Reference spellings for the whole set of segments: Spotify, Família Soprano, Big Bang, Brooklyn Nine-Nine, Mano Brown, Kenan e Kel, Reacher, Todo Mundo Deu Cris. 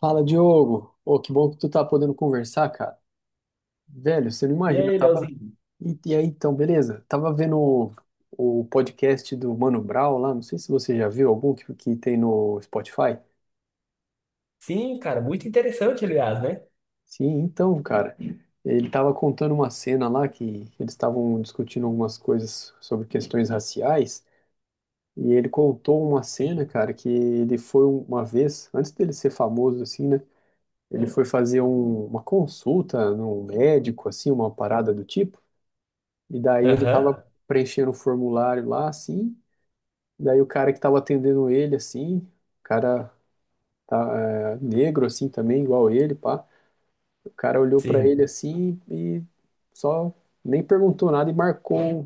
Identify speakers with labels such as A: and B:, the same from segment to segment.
A: Fala, Diogo. Ô, que bom que tu tá podendo conversar, cara. Velho, você não
B: E
A: imagina, eu
B: aí,
A: tava.
B: Leozinho?
A: E aí, então, beleza? Tava vendo o podcast do Mano Brown lá, não sei se você já viu algum que tem no Spotify.
B: Sim, cara, muito interessante, aliás, né?
A: Sim, então, cara, ele tava contando uma cena lá que eles estavam discutindo algumas coisas sobre questões raciais, e ele contou uma cena, cara, que ele foi uma vez, antes dele ser famoso, assim, né? Ele foi fazer uma consulta num médico, assim, uma parada do tipo. E daí ele
B: Aham,
A: tava preenchendo um formulário lá, assim. Daí o cara que tava atendendo ele, assim, o cara tá, é, negro, assim, também, igual ele, pá. O cara olhou pra ele,
B: sim.
A: assim, e só nem perguntou nada e marcou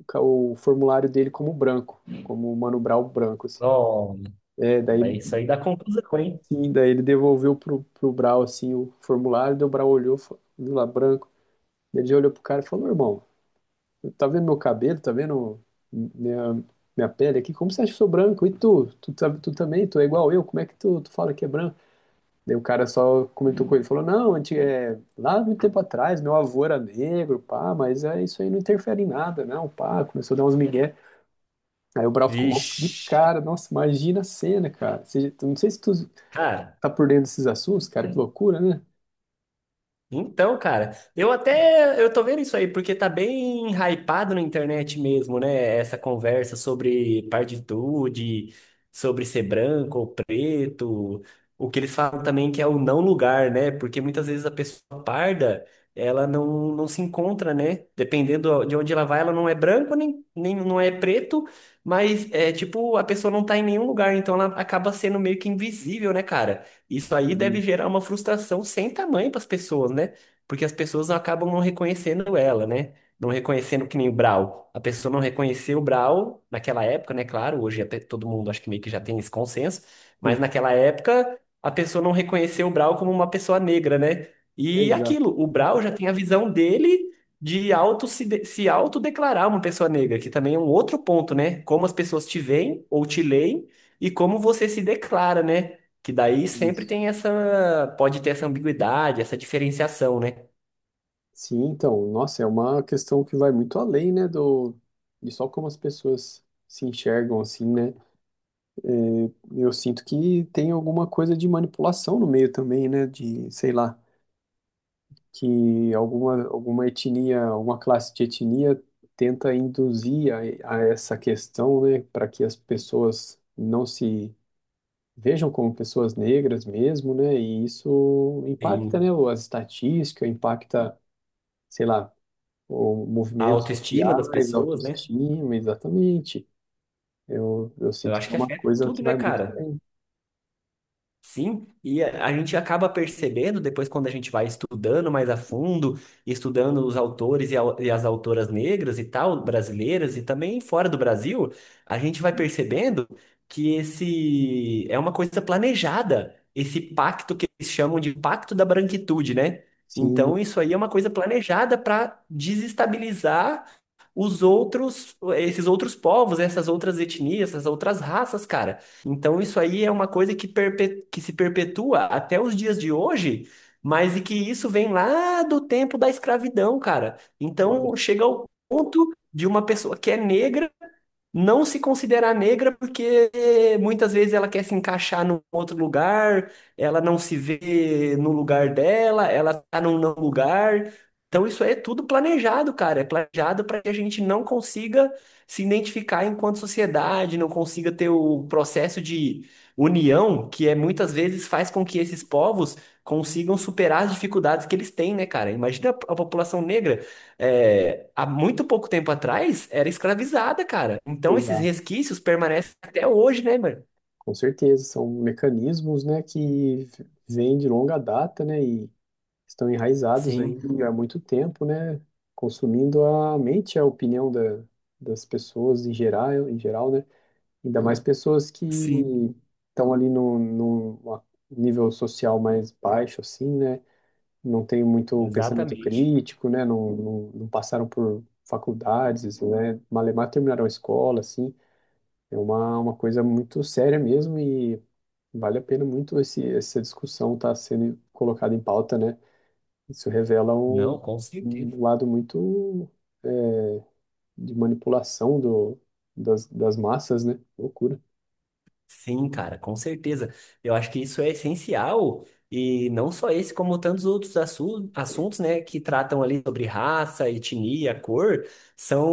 A: o formulário dele como branco, como o Mano Brown branco, assim.
B: Bom,
A: É, daí,
B: mas isso aí dá confusão, hein?
A: sim, daí ele devolveu pro Brau, assim, o formulário, daí o Brau olhou, e falou, viu lá, branco. Ele já olhou pro cara e falou: meu irmão, tá vendo meu cabelo? Tá vendo minha, minha pele aqui? Como você acha que eu sou branco? E tu? Tu também? Tu é igual eu? Como é que tu fala que é branco? Daí o cara só comentou com ele, falou, não, antes, é, lá muito tempo atrás, meu avô era negro, pá, mas é, isso aí não interfere em nada, não, pá, começou a dar uns migué. Aí o Brau ficou mal de
B: Vixe.
A: cara, nossa, imagina a cena, cara. Você, não sei se tu
B: Cara,
A: tá por dentro desses assuntos, cara, que loucura, né?
B: então, cara, eu até eu tô vendo isso aí porque tá bem hypado na internet mesmo, né? Essa conversa sobre partitude, sobre ser branco ou preto, o que eles falam também que é o não lugar, né? Porque muitas vezes a pessoa parda, ela não se encontra, né? Dependendo de onde ela vai, ela não é branco nem não é preto, mas é tipo, a pessoa não tá em nenhum lugar, então ela acaba sendo meio que invisível, né, cara? Isso aí deve gerar uma frustração sem tamanho para as pessoas, né? Porque as pessoas acabam não reconhecendo ela, né? Não reconhecendo que nem o Brau. A pessoa não reconheceu o Brau naquela época, né? Claro, hoje até todo mundo acho que meio que já tem esse consenso, mas
A: Sim,
B: naquela época a pessoa não reconheceu o Brau como uma pessoa negra, né? E
A: exato.
B: aquilo, o Brau já tem a visão dele de auto se, de- se autodeclarar uma pessoa negra, que também é um outro ponto, né? Como as pessoas te veem ou te leem e como você se declara, né? Que daí sempre
A: Isso.
B: tem essa, pode ter essa ambiguidade, essa diferenciação, né?
A: Sim, então, nossa, é uma questão que vai muito além, né, de só como as pessoas se enxergam, assim, né. É, eu sinto que tem alguma coisa de manipulação no meio também, né, de, sei lá, que alguma etnia, alguma classe de etnia tenta induzir a essa questão, né, para que as pessoas não se vejam como pessoas negras mesmo, né, e isso impacta,
B: Tem
A: né, as estatísticas, impacta, sei lá, ou
B: a
A: movimentos
B: autoestima das
A: sociais,
B: pessoas, né?
A: autoestima, exatamente. Eu
B: Eu
A: sinto
B: acho
A: que é
B: que
A: uma
B: afeta
A: coisa
B: tudo,
A: que
B: né,
A: vai muito
B: cara?
A: além.
B: Sim, e a gente acaba percebendo depois quando a gente vai estudando mais a fundo, estudando os autores e, au- e as autoras negras e tal, brasileiras e também fora do Brasil, a gente vai percebendo que esse é uma coisa planejada, esse pacto que eles chamam de pacto da branquitude, né? Então
A: Sim,
B: isso aí é uma coisa planejada para desestabilizar os outros, esses outros povos, essas outras etnias, essas outras raças, cara. Então isso aí é uma coisa que, perpe- que se perpetua até os dias de hoje, mas e que isso vem lá do tempo da escravidão, cara.
A: olha,
B: Então chega ao ponto de uma pessoa que é negra não se considerar negra porque muitas vezes ela quer se encaixar num outro lugar, ela não se vê no lugar dela, ela tá num não lugar. Então isso aí é tudo planejado, cara. É planejado para que a gente não consiga se identificar enquanto sociedade, não consiga ter o processo de união que é muitas vezes faz com que esses povos consigam superar as dificuldades que eles têm, né, cara? Imagina a população negra é, há muito pouco tempo atrás era escravizada, cara. Então esses
A: exato,
B: resquícios permanecem até hoje, né, mano?
A: com certeza. São mecanismos, né, que vêm de longa data, né, e estão enraizados aí
B: Sim,
A: há muito tempo, né, consumindo a mente, a opinião das pessoas em geral, né, ainda mais pessoas que
B: sim,
A: estão ali no nível social mais baixo, assim, né, não têm muito pensamento
B: exatamente.
A: crítico, né? Não passaram por faculdades, né? Malemar terminaram a escola, assim. É uma coisa muito séria mesmo e vale a pena muito essa discussão estar sendo colocada em pauta, né? Isso revela
B: Não, com certeza.
A: um lado muito é, de manipulação das massas, né? Loucura.
B: Sim, cara, com certeza. Eu acho que isso é essencial, e não só esse, como tantos outros assu- assuntos, né, que tratam ali sobre raça, etnia, cor, são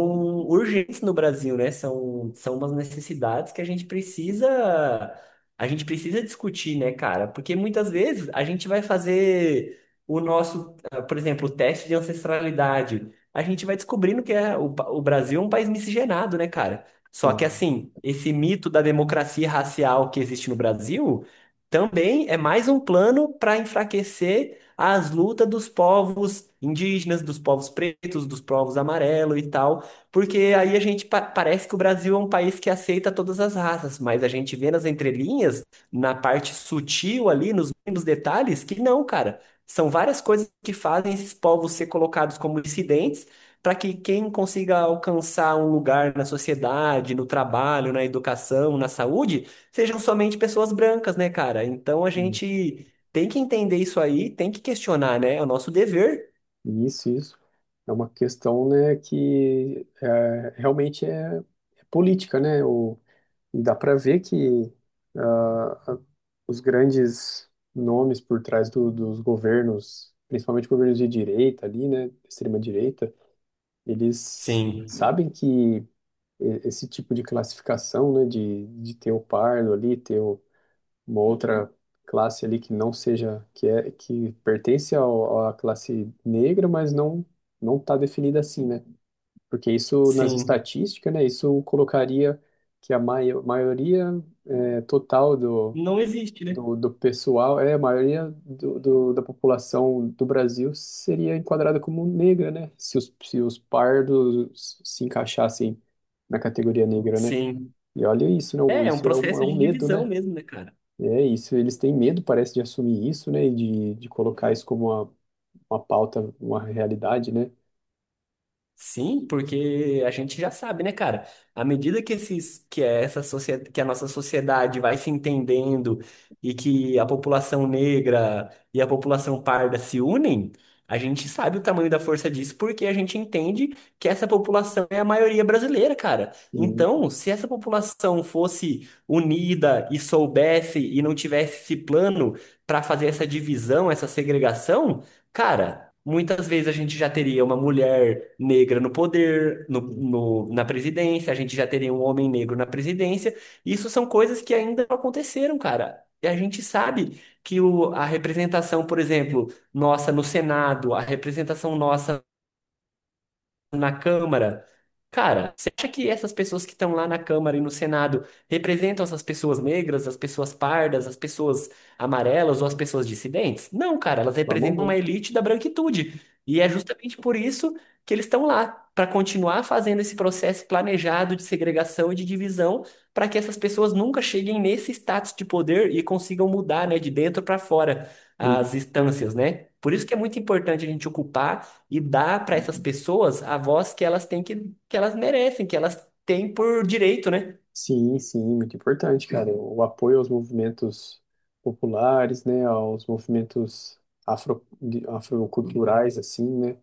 B: urgentes no Brasil, né? São umas necessidades que a gente precisa discutir, né, cara? Porque muitas vezes a gente vai fazer o nosso, ah, por exemplo, o teste de ancestralidade. A gente vai descobrindo que é, o, pa- o Brasil é um país miscigenado, né, cara? Só que,
A: Sim.
B: assim, esse mito da democracia racial que existe no Brasil também é mais um plano para enfraquecer as lutas dos povos indígenas, dos povos pretos, dos povos amarelos e tal, porque aí a gente pa- parece que o Brasil é um país que aceita todas as raças, mas a gente vê nas entrelinhas, na parte sutil ali, nos mínimos detalhes, que não, cara. São várias coisas que fazem esses povos ser colocados como dissidentes para que quem consiga alcançar um lugar na sociedade, no trabalho, na educação, na saúde, sejam somente pessoas brancas, né, cara? Então a
A: Sim.
B: gente tem que entender isso aí, tem que questionar, né? É o nosso dever.
A: Isso. É uma questão, né, que é, realmente é, é política, né? E dá para ver que ah, os grandes nomes por trás dos governos, principalmente governos de direita ali, né, extrema direita, eles
B: Sim,
A: sabem que esse tipo de classificação, né, de ter o pardo ali, uma outra classe ali que não seja, que é que pertence à classe negra, mas não está definida assim, né? Porque isso, nas
B: sim.
A: estatísticas, né, isso colocaria que a maioria eh, total
B: Não existe, né?
A: do pessoal, é, a maioria da população do Brasil seria enquadrada como negra, né? Se os pardos se encaixassem na categoria negra, né?
B: Sim.
A: E olha isso, não,
B: É, é um
A: isso é é
B: processo
A: um
B: de
A: medo,
B: divisão
A: né?
B: mesmo, né, cara?
A: É isso, eles têm medo, parece, de assumir isso, né? E de colocar isso como uma pauta, uma realidade, né?
B: Sim, porque a gente já sabe, né, cara? À medida que esses, que é essa sociedade, que a nossa sociedade vai se entendendo e que a população negra e a população parda se unem, a gente sabe o tamanho da força disso porque a gente entende que essa população é a maioria brasileira, cara.
A: E,
B: Então, se essa população fosse unida e soubesse e não tivesse esse plano para fazer essa divisão, essa segregação. Cara, muitas vezes a gente já teria uma mulher negra no poder,
A: e
B: na presidência, a gente já teria um homem negro na presidência. Isso são coisas que ainda não aconteceram, cara. E a gente sabe que o, a representação, por exemplo, nossa no Senado, a representação nossa na Câmara. Cara, você acha que essas pessoas que estão lá na Câmara e no Senado representam essas pessoas negras, as pessoas pardas, as pessoas amarelas ou as pessoas dissidentes? Não, cara,
A: de
B: elas
A: forma
B: representam
A: alguma.
B: uma elite da branquitude. E é justamente por isso que eles estão lá, para continuar fazendo esse processo planejado de segregação e de divisão, para que essas pessoas nunca cheguem nesse status de poder e consigam mudar, né, de dentro para fora as instâncias, né? Por isso que é muito importante a gente ocupar e dar para essas pessoas a voz que elas têm que elas merecem, que elas têm por direito, né?
A: Sim, sim, muito importante, cara. O apoio aos movimentos populares, né, aos movimentos afro, afroculturais, assim, né,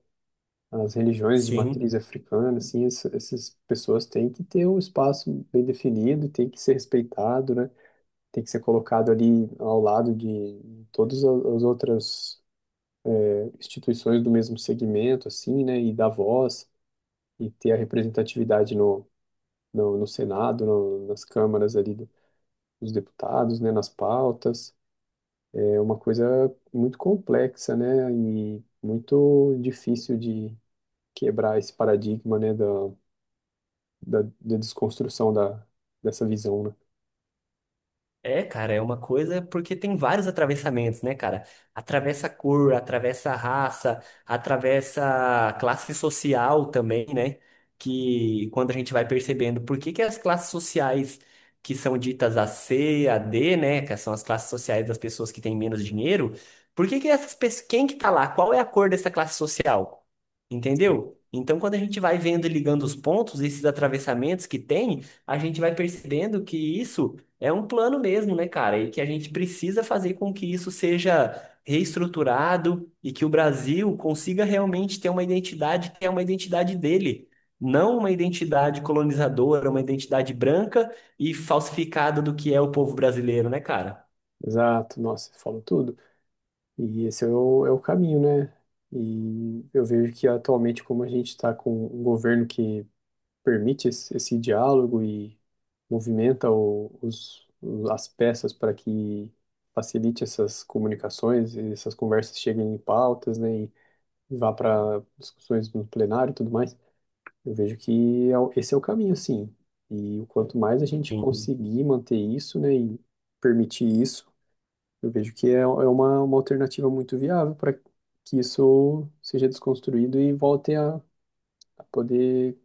A: as religiões de matriz
B: Sim.
A: africana, assim, essas pessoas têm que ter um espaço bem definido, tem que ser respeitado, né, tem que ser colocado ali ao lado de todas a- as outras instituições do mesmo segmento, assim, né, e dar voz e ter a representatividade no Senado, no, nas câmaras ali dos deputados, né, nas pautas. É uma coisa muito complexa, né, e muito difícil de quebrar esse paradigma, né, da desconstrução dessa visão, né.
B: É, cara, é uma coisa porque tem vários atravessamentos, né, cara? Atravessa cor, atravessa raça, atravessa classe social também, né? Que quando a gente vai percebendo por que que as classes sociais que são ditas a C, a D, né, que são as classes sociais das pessoas que têm menos dinheiro, por que que essas pessoas, quem que tá lá? Qual é a cor dessa classe social? Entendeu? Então, quando a gente vai vendo e ligando os pontos, esses atravessamentos que tem, a gente vai percebendo que isso é um plano mesmo, né, cara? E que a gente precisa fazer com que isso seja reestruturado e que o Brasil consiga realmente ter uma identidade que é uma identidade dele, não uma identidade colonizadora, uma identidade branca e falsificada do que é o povo brasileiro, né, cara?
A: Exato, nossa, você falou tudo. E esse é é o caminho, né? E eu vejo que atualmente, como a gente está com um governo que permite esse diálogo e movimenta as peças para que facilite essas comunicações, e essas conversas cheguem em pautas, né, e vá para discussões no plenário e tudo mais. Eu vejo que é esse é o caminho, sim. E o quanto mais a gente
B: Sim.
A: conseguir manter isso, né, e permitir isso, eu vejo que é, é uma alternativa muito viável para que isso seja desconstruído e volte a para poder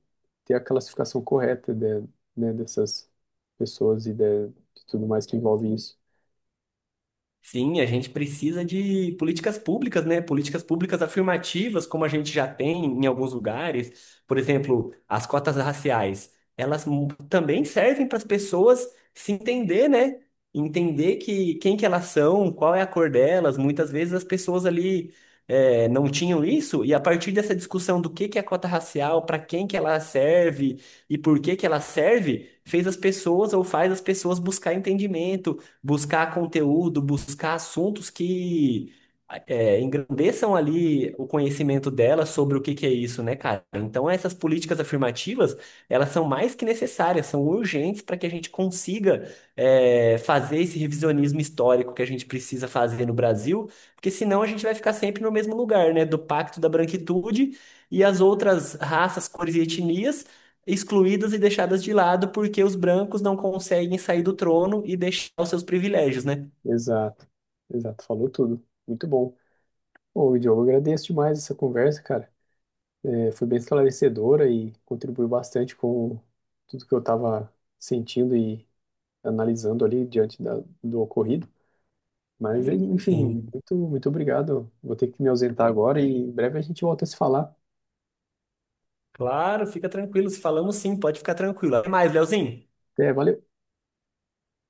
A: ter a classificação correta de, né, dessas pessoas e de tudo mais que envolve isso.
B: Sim, a gente precisa de políticas públicas, né? Políticas públicas afirmativas, como a gente já tem em alguns lugares. Por exemplo, as cotas raciais, elas mu- também servem para as pessoas se entender, né? Entender que quem que elas são, qual é a cor delas. Muitas vezes as pessoas ali não tinham isso, e a partir dessa discussão do que é a cota racial, para quem que ela serve e por que que ela serve, fez as pessoas ou faz as pessoas buscar entendimento buscar conteúdo, buscar assuntos que engrandeçam ali o conhecimento dela sobre o que que é isso, né, cara? Então, essas políticas afirmativas, elas são mais que necessárias, são urgentes para que a gente consiga fazer esse revisionismo histórico que a gente precisa fazer no Brasil, porque senão a gente vai ficar sempre no mesmo lugar, né, do Pacto da Branquitude e as outras raças, cores e etnias excluídas e deixadas de lado porque os brancos não conseguem sair do trono e deixar os seus privilégios, né?
A: Exato, exato, falou tudo. Muito bom. Bom, Diogo, eu agradeço demais essa conversa, cara. É, foi bem esclarecedora e contribuiu bastante com tudo que eu estava sentindo e analisando ali diante da, do ocorrido. Mas, enfim,
B: Sim.
A: muito obrigado. Vou ter que me ausentar agora e em breve a gente volta a se falar.
B: Claro, fica tranquilo. Se falamos sim, pode ficar tranquilo. Até mais, Leozinho.
A: Até, valeu.